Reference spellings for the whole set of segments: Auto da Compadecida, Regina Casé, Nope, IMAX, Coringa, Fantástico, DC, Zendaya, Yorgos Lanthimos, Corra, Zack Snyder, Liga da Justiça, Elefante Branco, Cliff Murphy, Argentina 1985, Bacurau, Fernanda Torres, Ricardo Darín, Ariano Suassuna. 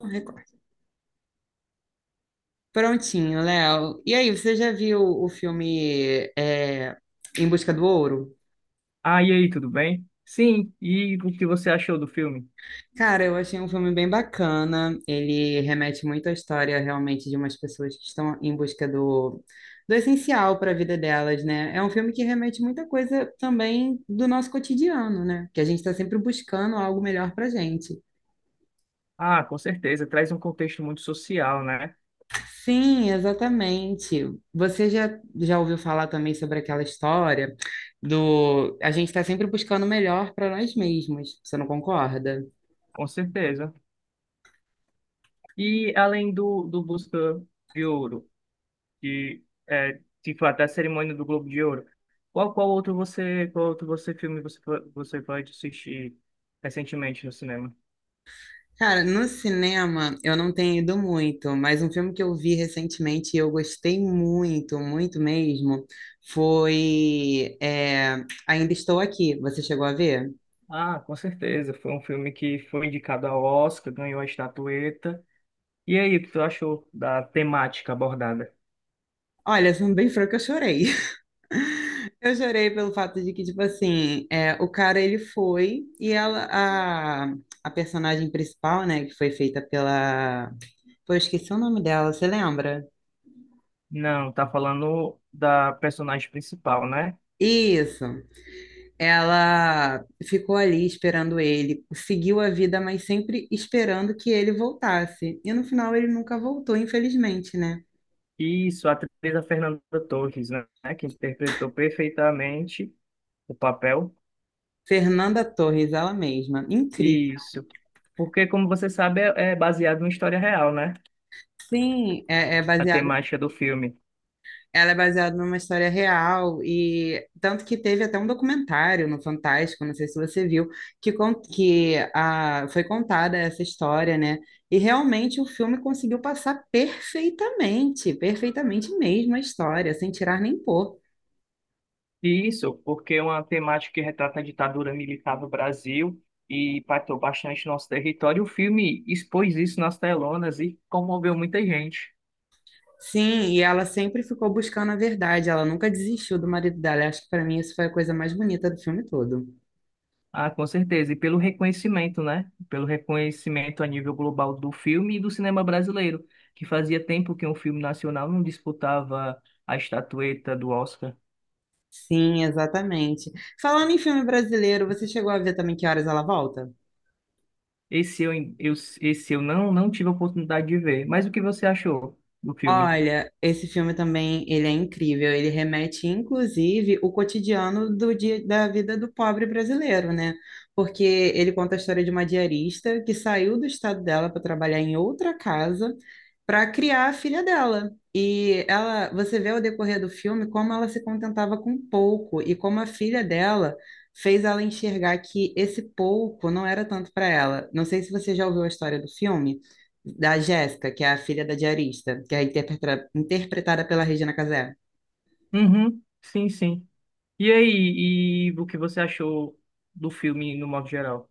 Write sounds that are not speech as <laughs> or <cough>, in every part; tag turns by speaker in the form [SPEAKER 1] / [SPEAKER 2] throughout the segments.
[SPEAKER 1] Record. Prontinho, Léo. E aí, você já viu o filme Em Busca do Ouro?
[SPEAKER 2] Ah, e aí, tudo bem? Sim, e o que você achou do filme?
[SPEAKER 1] Cara, eu achei um filme bem bacana. Ele remete muito à história realmente de umas pessoas que estão em busca do essencial para a vida delas, né? É um filme que remete muita coisa também do nosso cotidiano, né? Que a gente está sempre buscando algo melhor para gente.
[SPEAKER 2] Ah, com certeza, traz um contexto muito social, né?
[SPEAKER 1] Sim, exatamente. Você já, Já ouviu falar também sobre aquela história do a gente está sempre buscando o melhor para nós mesmos, você não concorda?
[SPEAKER 2] Com certeza. E além do Busca de Ouro, que é, tipo, até a cerimônia do Globo de Ouro, qual, qual outro você filme você, po- você pode assistir recentemente no cinema?
[SPEAKER 1] Cara, no cinema eu não tenho ido muito, mas um filme que eu vi recentemente e eu gostei muito, muito mesmo, foi Ainda Estou Aqui. Você chegou a ver?
[SPEAKER 2] Ah, com certeza, foi um filme que foi indicado ao Oscar, ganhou a estatueta. E aí, o que tu achou da temática abordada?
[SPEAKER 1] Olha, sendo bem franca, eu chorei. Eu chorei pelo fato de que, tipo assim, é, o cara ele foi e ela, a personagem principal, né, que foi feita pela. Pô, eu esqueci o nome dela, você lembra?
[SPEAKER 2] Não, tá falando da personagem principal, né?
[SPEAKER 1] Isso. Ela ficou ali esperando ele, seguiu a vida, mas sempre esperando que ele voltasse. E no final ele nunca voltou, infelizmente, né?
[SPEAKER 2] Isso, a atriz a Fernanda Torres, né? Que interpretou perfeitamente o papel.
[SPEAKER 1] Fernanda Torres, ela mesma. Incrível.
[SPEAKER 2] Isso. Porque, como você sabe, é baseado em história real, né?
[SPEAKER 1] Sim, é, é
[SPEAKER 2] A
[SPEAKER 1] baseado.
[SPEAKER 2] temática do filme.
[SPEAKER 1] Ela é baseada numa história real e tanto que teve até um documentário no Fantástico, não sei se você viu, que, foi contada essa história, né? E realmente o filme conseguiu passar perfeitamente, perfeitamente mesmo a história, sem tirar nem pôr.
[SPEAKER 2] E isso, porque é uma temática que retrata a ditadura militar do Brasil e impactou bastante nosso território. O filme expôs isso nas telonas e comoveu muita gente.
[SPEAKER 1] Sim, e ela sempre ficou buscando a verdade, ela nunca desistiu do marido dela. Eu acho que para mim isso foi a coisa mais bonita do filme todo.
[SPEAKER 2] Ah, com certeza. E pelo reconhecimento, né? Pelo reconhecimento a nível global do filme e do cinema brasileiro, que fazia tempo que um filme nacional não disputava a estatueta do Oscar.
[SPEAKER 1] Sim, exatamente. Falando em filme brasileiro, você chegou a ver também Que Horas Ela Volta?
[SPEAKER 2] Esse eu, eu- esse eu não, não tive a oportunidade de ver. Mas o que você achou do filme?
[SPEAKER 1] Olha, esse filme também, ele é incrível. Ele remete, inclusive, o cotidiano do dia, da vida do pobre brasileiro, né? Porque ele conta a história de uma diarista que saiu do estado dela para trabalhar em outra casa para criar a filha dela. E ela, você vê ao decorrer do filme como ela se contentava com pouco e como a filha dela fez ela enxergar que esse pouco não era tanto para ela. Não sei se você já ouviu a história do filme da Jéssica, que é a filha da diarista, que é interpretada pela Regina Casé.
[SPEAKER 2] Uhum, sim, sim. E aí, e o que você achou do filme no modo geral?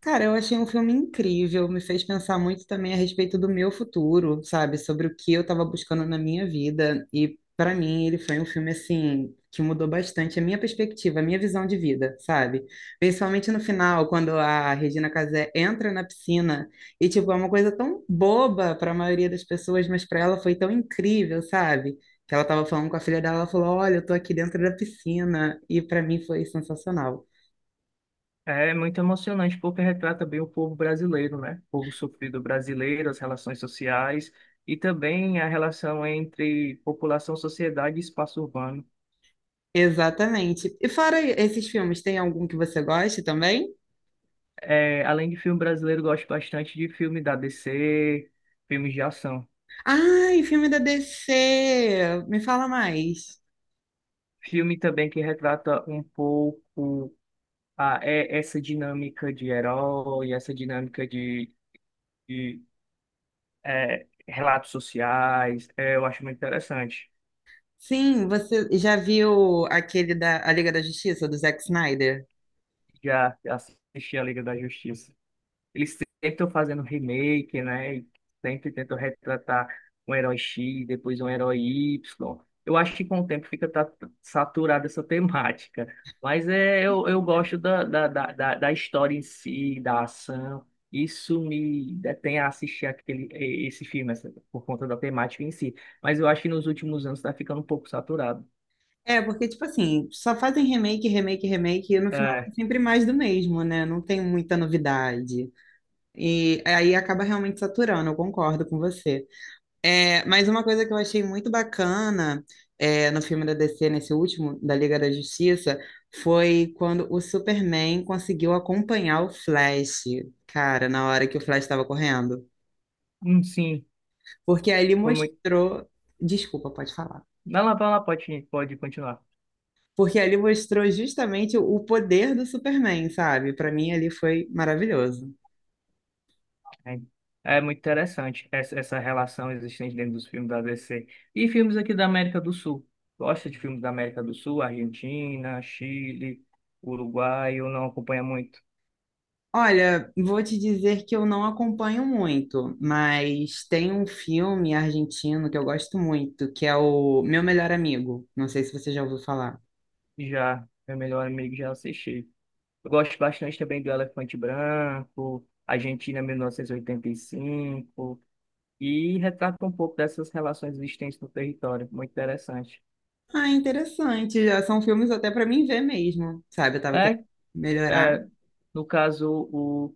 [SPEAKER 1] Cara, eu achei um filme incrível, me fez pensar muito também a respeito do meu futuro, sabe? Sobre o que eu estava buscando na minha vida. E para mim, ele foi um filme assim que mudou bastante a minha perspectiva, a minha visão de vida, sabe? Principalmente no final, quando a Regina Casé entra na piscina e tipo, é uma coisa tão boba para a maioria das pessoas, mas para ela foi tão incrível, sabe? Que ela estava falando com a filha dela, ela falou: "Olha, eu tô aqui dentro da piscina". E para mim foi sensacional.
[SPEAKER 2] É muito emocionante porque retrata bem o povo brasileiro, né? O povo sofrido brasileiro, as relações sociais e também a relação entre população, sociedade e espaço urbano.
[SPEAKER 1] Exatamente. E fora esses filmes, tem algum que você goste também?
[SPEAKER 2] É, além de filme brasileiro, gosto bastante de filme da DC, filmes de ação.
[SPEAKER 1] Ai, filme da DC! Me fala mais.
[SPEAKER 2] Filme também que retrata um pouco essa dinâmica de herói, essa dinâmica de, de relatos sociais. É, eu acho muito interessante.
[SPEAKER 1] Sim, você já viu aquele da A Liga da Justiça, do Zack Snyder?
[SPEAKER 2] Já assisti a Liga da Justiça. Eles sempre estão fazendo remake, né? E sempre tentam retratar um herói X, depois um herói Y. Eu acho que com o tempo fica saturada essa temática. Mas é, eu gosto da história em si, da ação. Isso me detém a assistir aquele esse filme, essa- por conta da temática em si. Mas eu acho que nos últimos anos está ficando um pouco saturado.
[SPEAKER 1] É, porque, tipo assim, só fazem remake, remake, remake, e no final é
[SPEAKER 2] É,
[SPEAKER 1] sempre mais do mesmo, né? Não tem muita novidade. E aí acaba realmente saturando, eu concordo com você. É, mas uma coisa que eu achei muito bacana no filme da DC, nesse último, da Liga da Justiça, foi quando o Superman conseguiu acompanhar o Flash, cara, na hora que o Flash estava correndo.
[SPEAKER 2] sim,
[SPEAKER 1] Porque ali
[SPEAKER 2] foi muito.
[SPEAKER 1] mostrou. Desculpa, pode falar.
[SPEAKER 2] Vai lá, pode continuar.
[SPEAKER 1] Porque ali mostrou justamente o poder do Superman, sabe? Para mim, ali foi maravilhoso.
[SPEAKER 2] É é muito interessante essa, essa relação existente dentro dos filmes da DC. E filmes aqui da América do Sul. Gosta de filmes da América do Sul, Argentina, Chile, Uruguai, eu não acompanho muito.
[SPEAKER 1] Olha, vou te dizer que eu não acompanho muito, mas tem um filme argentino que eu gosto muito, que é o Meu Melhor Amigo. Não sei se você já ouviu falar.
[SPEAKER 2] Já, meu melhor amigo já assisti. Eu gosto bastante também do Elefante Branco, Argentina 1985, e oitenta e cinco, e retrata um pouco dessas relações existentes no território. Muito interessante.
[SPEAKER 1] Ah, interessante. Já são filmes até pra mim ver mesmo, sabe? Eu tava querendo
[SPEAKER 2] É,
[SPEAKER 1] melhorar.
[SPEAKER 2] é, no caso,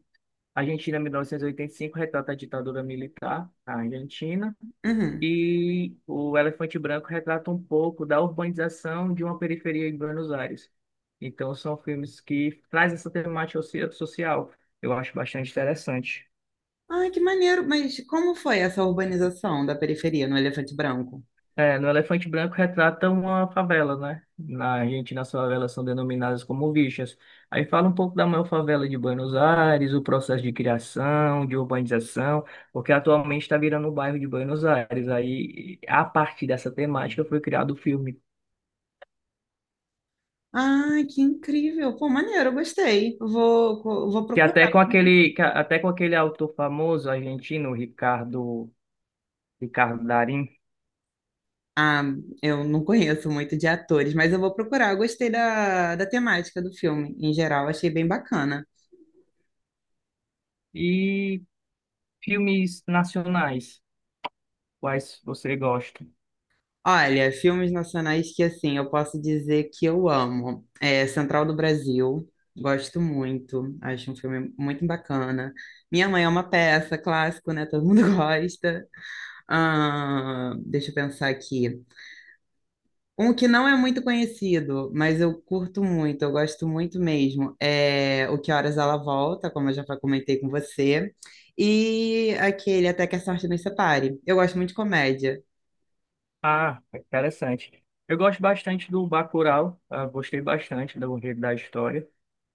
[SPEAKER 2] a Argentina, 1985 retrata a ditadura militar na Argentina.
[SPEAKER 1] Uhum.
[SPEAKER 2] E o Elefante Branco retrata um pouco da urbanização de uma periferia em Buenos Aires. Então, são filmes que trazem essa temática social. Eu acho bastante interessante.
[SPEAKER 1] Ah, que maneiro. Mas como foi essa urbanização da periferia no Elefante Branco?
[SPEAKER 2] É, no Elefante Branco retrata uma favela, né? Na Argentina, as favelas são denominadas como vichas. Aí fala um pouco da maior favela de Buenos Aires, o processo de criação, de urbanização, porque atualmente está virando o bairro de Buenos Aires. Aí, a partir dessa temática, foi criado o filme.
[SPEAKER 1] Ah, que incrível. Pô, maneiro, eu gostei. Vou,
[SPEAKER 2] Que até com aquele, que a- até com aquele autor famoso argentino, Ricardo Darín,
[SPEAKER 1] ah, eu não conheço muito de atores, mas eu vou procurar. Eu gostei da temática do filme, em geral, achei bem bacana.
[SPEAKER 2] e filmes nacionais, quais você gosta?
[SPEAKER 1] Olha, filmes nacionais que, assim, eu posso dizer que eu amo. É Central do Brasil, gosto muito, acho um filme muito bacana. Minha Mãe é uma Peça, clássico, né? Todo mundo <laughs> gosta. Ah, deixa eu pensar aqui. Um que não é muito conhecido, mas eu curto muito, eu gosto muito mesmo, é O Que Horas Ela Volta, como eu já comentei com você, e aquele Até que a Sorte Nos Separe. Eu gosto muito de comédia.
[SPEAKER 2] Ah, interessante. Eu gosto bastante do Bacurau, ah, gostei bastante do enredo da história,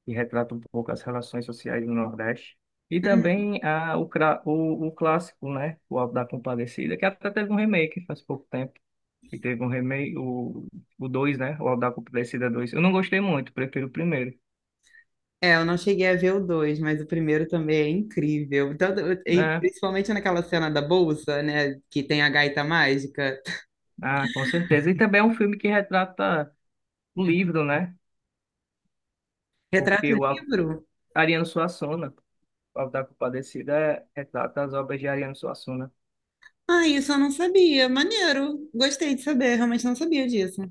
[SPEAKER 2] que retrata um pouco as relações sociais do Nordeste. E
[SPEAKER 1] Hum.
[SPEAKER 2] também o clássico, né? O Auto da Compadecida, que até teve um remake faz pouco tempo. E teve um remake, o 2, né? O Auto da Compadecida dois. Eu não gostei muito, prefiro o primeiro.
[SPEAKER 1] É, eu não cheguei a ver o dois, mas o primeiro também é incrível. Tanto, e
[SPEAKER 2] É,
[SPEAKER 1] principalmente naquela cena da bolsa, né, que tem a gaita mágica.
[SPEAKER 2] ah, com certeza. E também é um filme que retrata o livro, né?
[SPEAKER 1] Retrato
[SPEAKER 2] Porque o
[SPEAKER 1] livro?
[SPEAKER 2] Ariano Suassuna, o Auto da Compadecida, é- retrata as obras de Ariano Suassuna.
[SPEAKER 1] Ah, isso eu não sabia. Maneiro. Gostei de saber, realmente não sabia disso.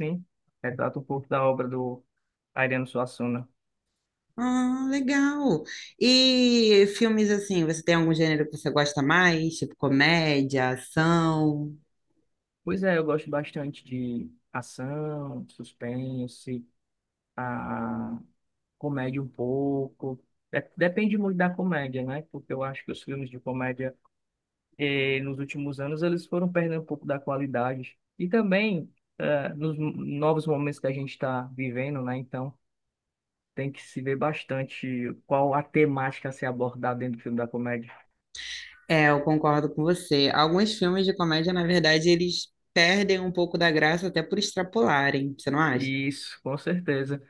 [SPEAKER 2] Sim, retrata um pouco da obra do Ariano Suassuna.
[SPEAKER 1] Ah, legal. E filmes assim, você tem algum gênero que você gosta mais? Tipo comédia, ação?
[SPEAKER 2] Pois é, eu gosto bastante de ação, suspense, a comédia um pouco. Depende muito da comédia, né? Porque eu acho que os filmes de comédia nos últimos anos eles foram perdendo um pouco da qualidade. E também nos novos momentos que a gente está vivendo, né? Então tem que se ver bastante qual a temática a ser abordada dentro do filme da comédia.
[SPEAKER 1] É, eu concordo com você. Alguns filmes de comédia, na verdade, eles perdem um pouco da graça até por extrapolarem, você não acha?
[SPEAKER 2] Isso, com certeza.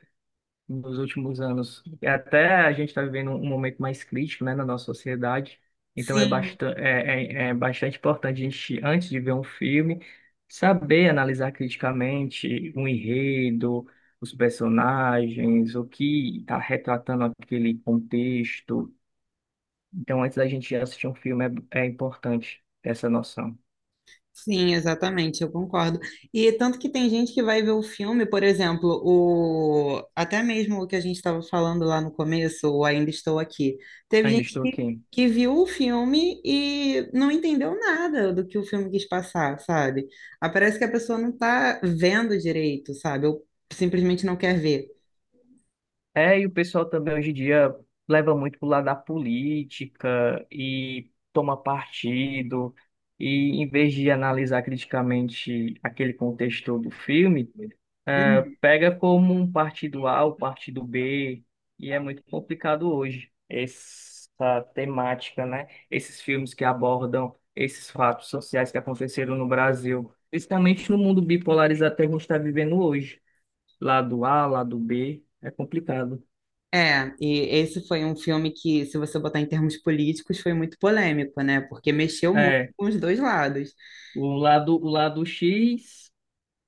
[SPEAKER 2] Nos últimos anos. E até a gente está vivendo um momento mais crítico, né, na nossa sociedade. Então é
[SPEAKER 1] Sim.
[SPEAKER 2] bastante importante a gente, antes de ver um filme, saber analisar criticamente o enredo, os personagens, o que está retratando aquele contexto. Então, antes da gente assistir um filme, é importante essa noção.
[SPEAKER 1] Sim, exatamente, eu concordo. E tanto que tem gente que vai ver o filme, por exemplo, o até mesmo o que a gente estava falando lá no começo, o Ainda Estou Aqui. Teve
[SPEAKER 2] Ainda
[SPEAKER 1] gente
[SPEAKER 2] estou aqui.
[SPEAKER 1] que viu o filme e não entendeu nada do que o filme quis passar, sabe? Ah, parece que a pessoa não está vendo direito, sabe? Ou simplesmente não quer ver.
[SPEAKER 2] É, e o pessoal também hoje em dia leva muito pro lado da política e toma partido, e em vez de analisar criticamente aquele contexto do filme,
[SPEAKER 1] Uhum.
[SPEAKER 2] pega como um partido A, o partido B, e é muito complicado hoje essa temática, né? Esses filmes que abordam esses fatos sociais que aconteceram no Brasil, principalmente no mundo bipolarizado que a gente está vivendo hoje, lado A, lado B, é complicado.
[SPEAKER 1] É, e esse foi um filme que, se você botar em termos políticos, foi muito polêmico, né? Porque mexeu muito
[SPEAKER 2] é
[SPEAKER 1] com os dois lados.
[SPEAKER 2] O lado, o lado X,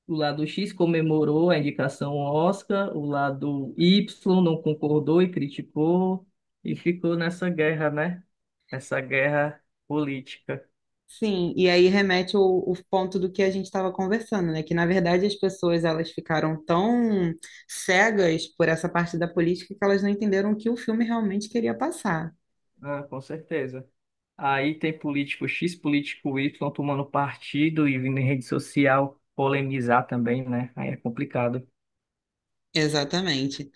[SPEAKER 2] o lado X comemorou a indicação ao Oscar, o lado Y não concordou e criticou, e ficou nessa guerra, né? Essa guerra política.
[SPEAKER 1] Sim, e aí remete o ponto do que a gente estava conversando, né? Que, na verdade, as pessoas elas ficaram tão cegas por essa parte da política que elas não entenderam o que o filme realmente queria passar.
[SPEAKER 2] Ah, com certeza. Aí tem político X, político Y tomando partido e vindo em rede social polemizar também, né? Aí é complicado.
[SPEAKER 1] Exatamente.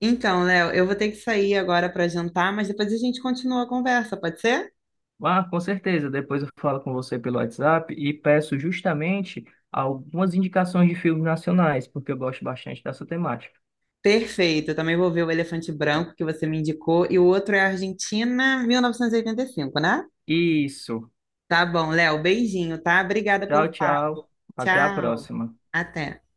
[SPEAKER 1] Então, Léo, eu vou ter que sair agora para jantar, mas depois a gente continua a conversa, pode ser?
[SPEAKER 2] Ah, com certeza. Depois eu falo com você pelo WhatsApp e peço justamente algumas indicações de filmes nacionais, porque eu gosto bastante dessa temática.
[SPEAKER 1] Perfeito, eu também vou ver o Elefante Branco que você me indicou e o outro é Argentina 1985, né?
[SPEAKER 2] Isso.
[SPEAKER 1] Tá bom, Léo, beijinho, tá? Obrigada
[SPEAKER 2] Tchau,
[SPEAKER 1] pelo papo.
[SPEAKER 2] tchau. Até a
[SPEAKER 1] Tchau.
[SPEAKER 2] próxima.
[SPEAKER 1] Até.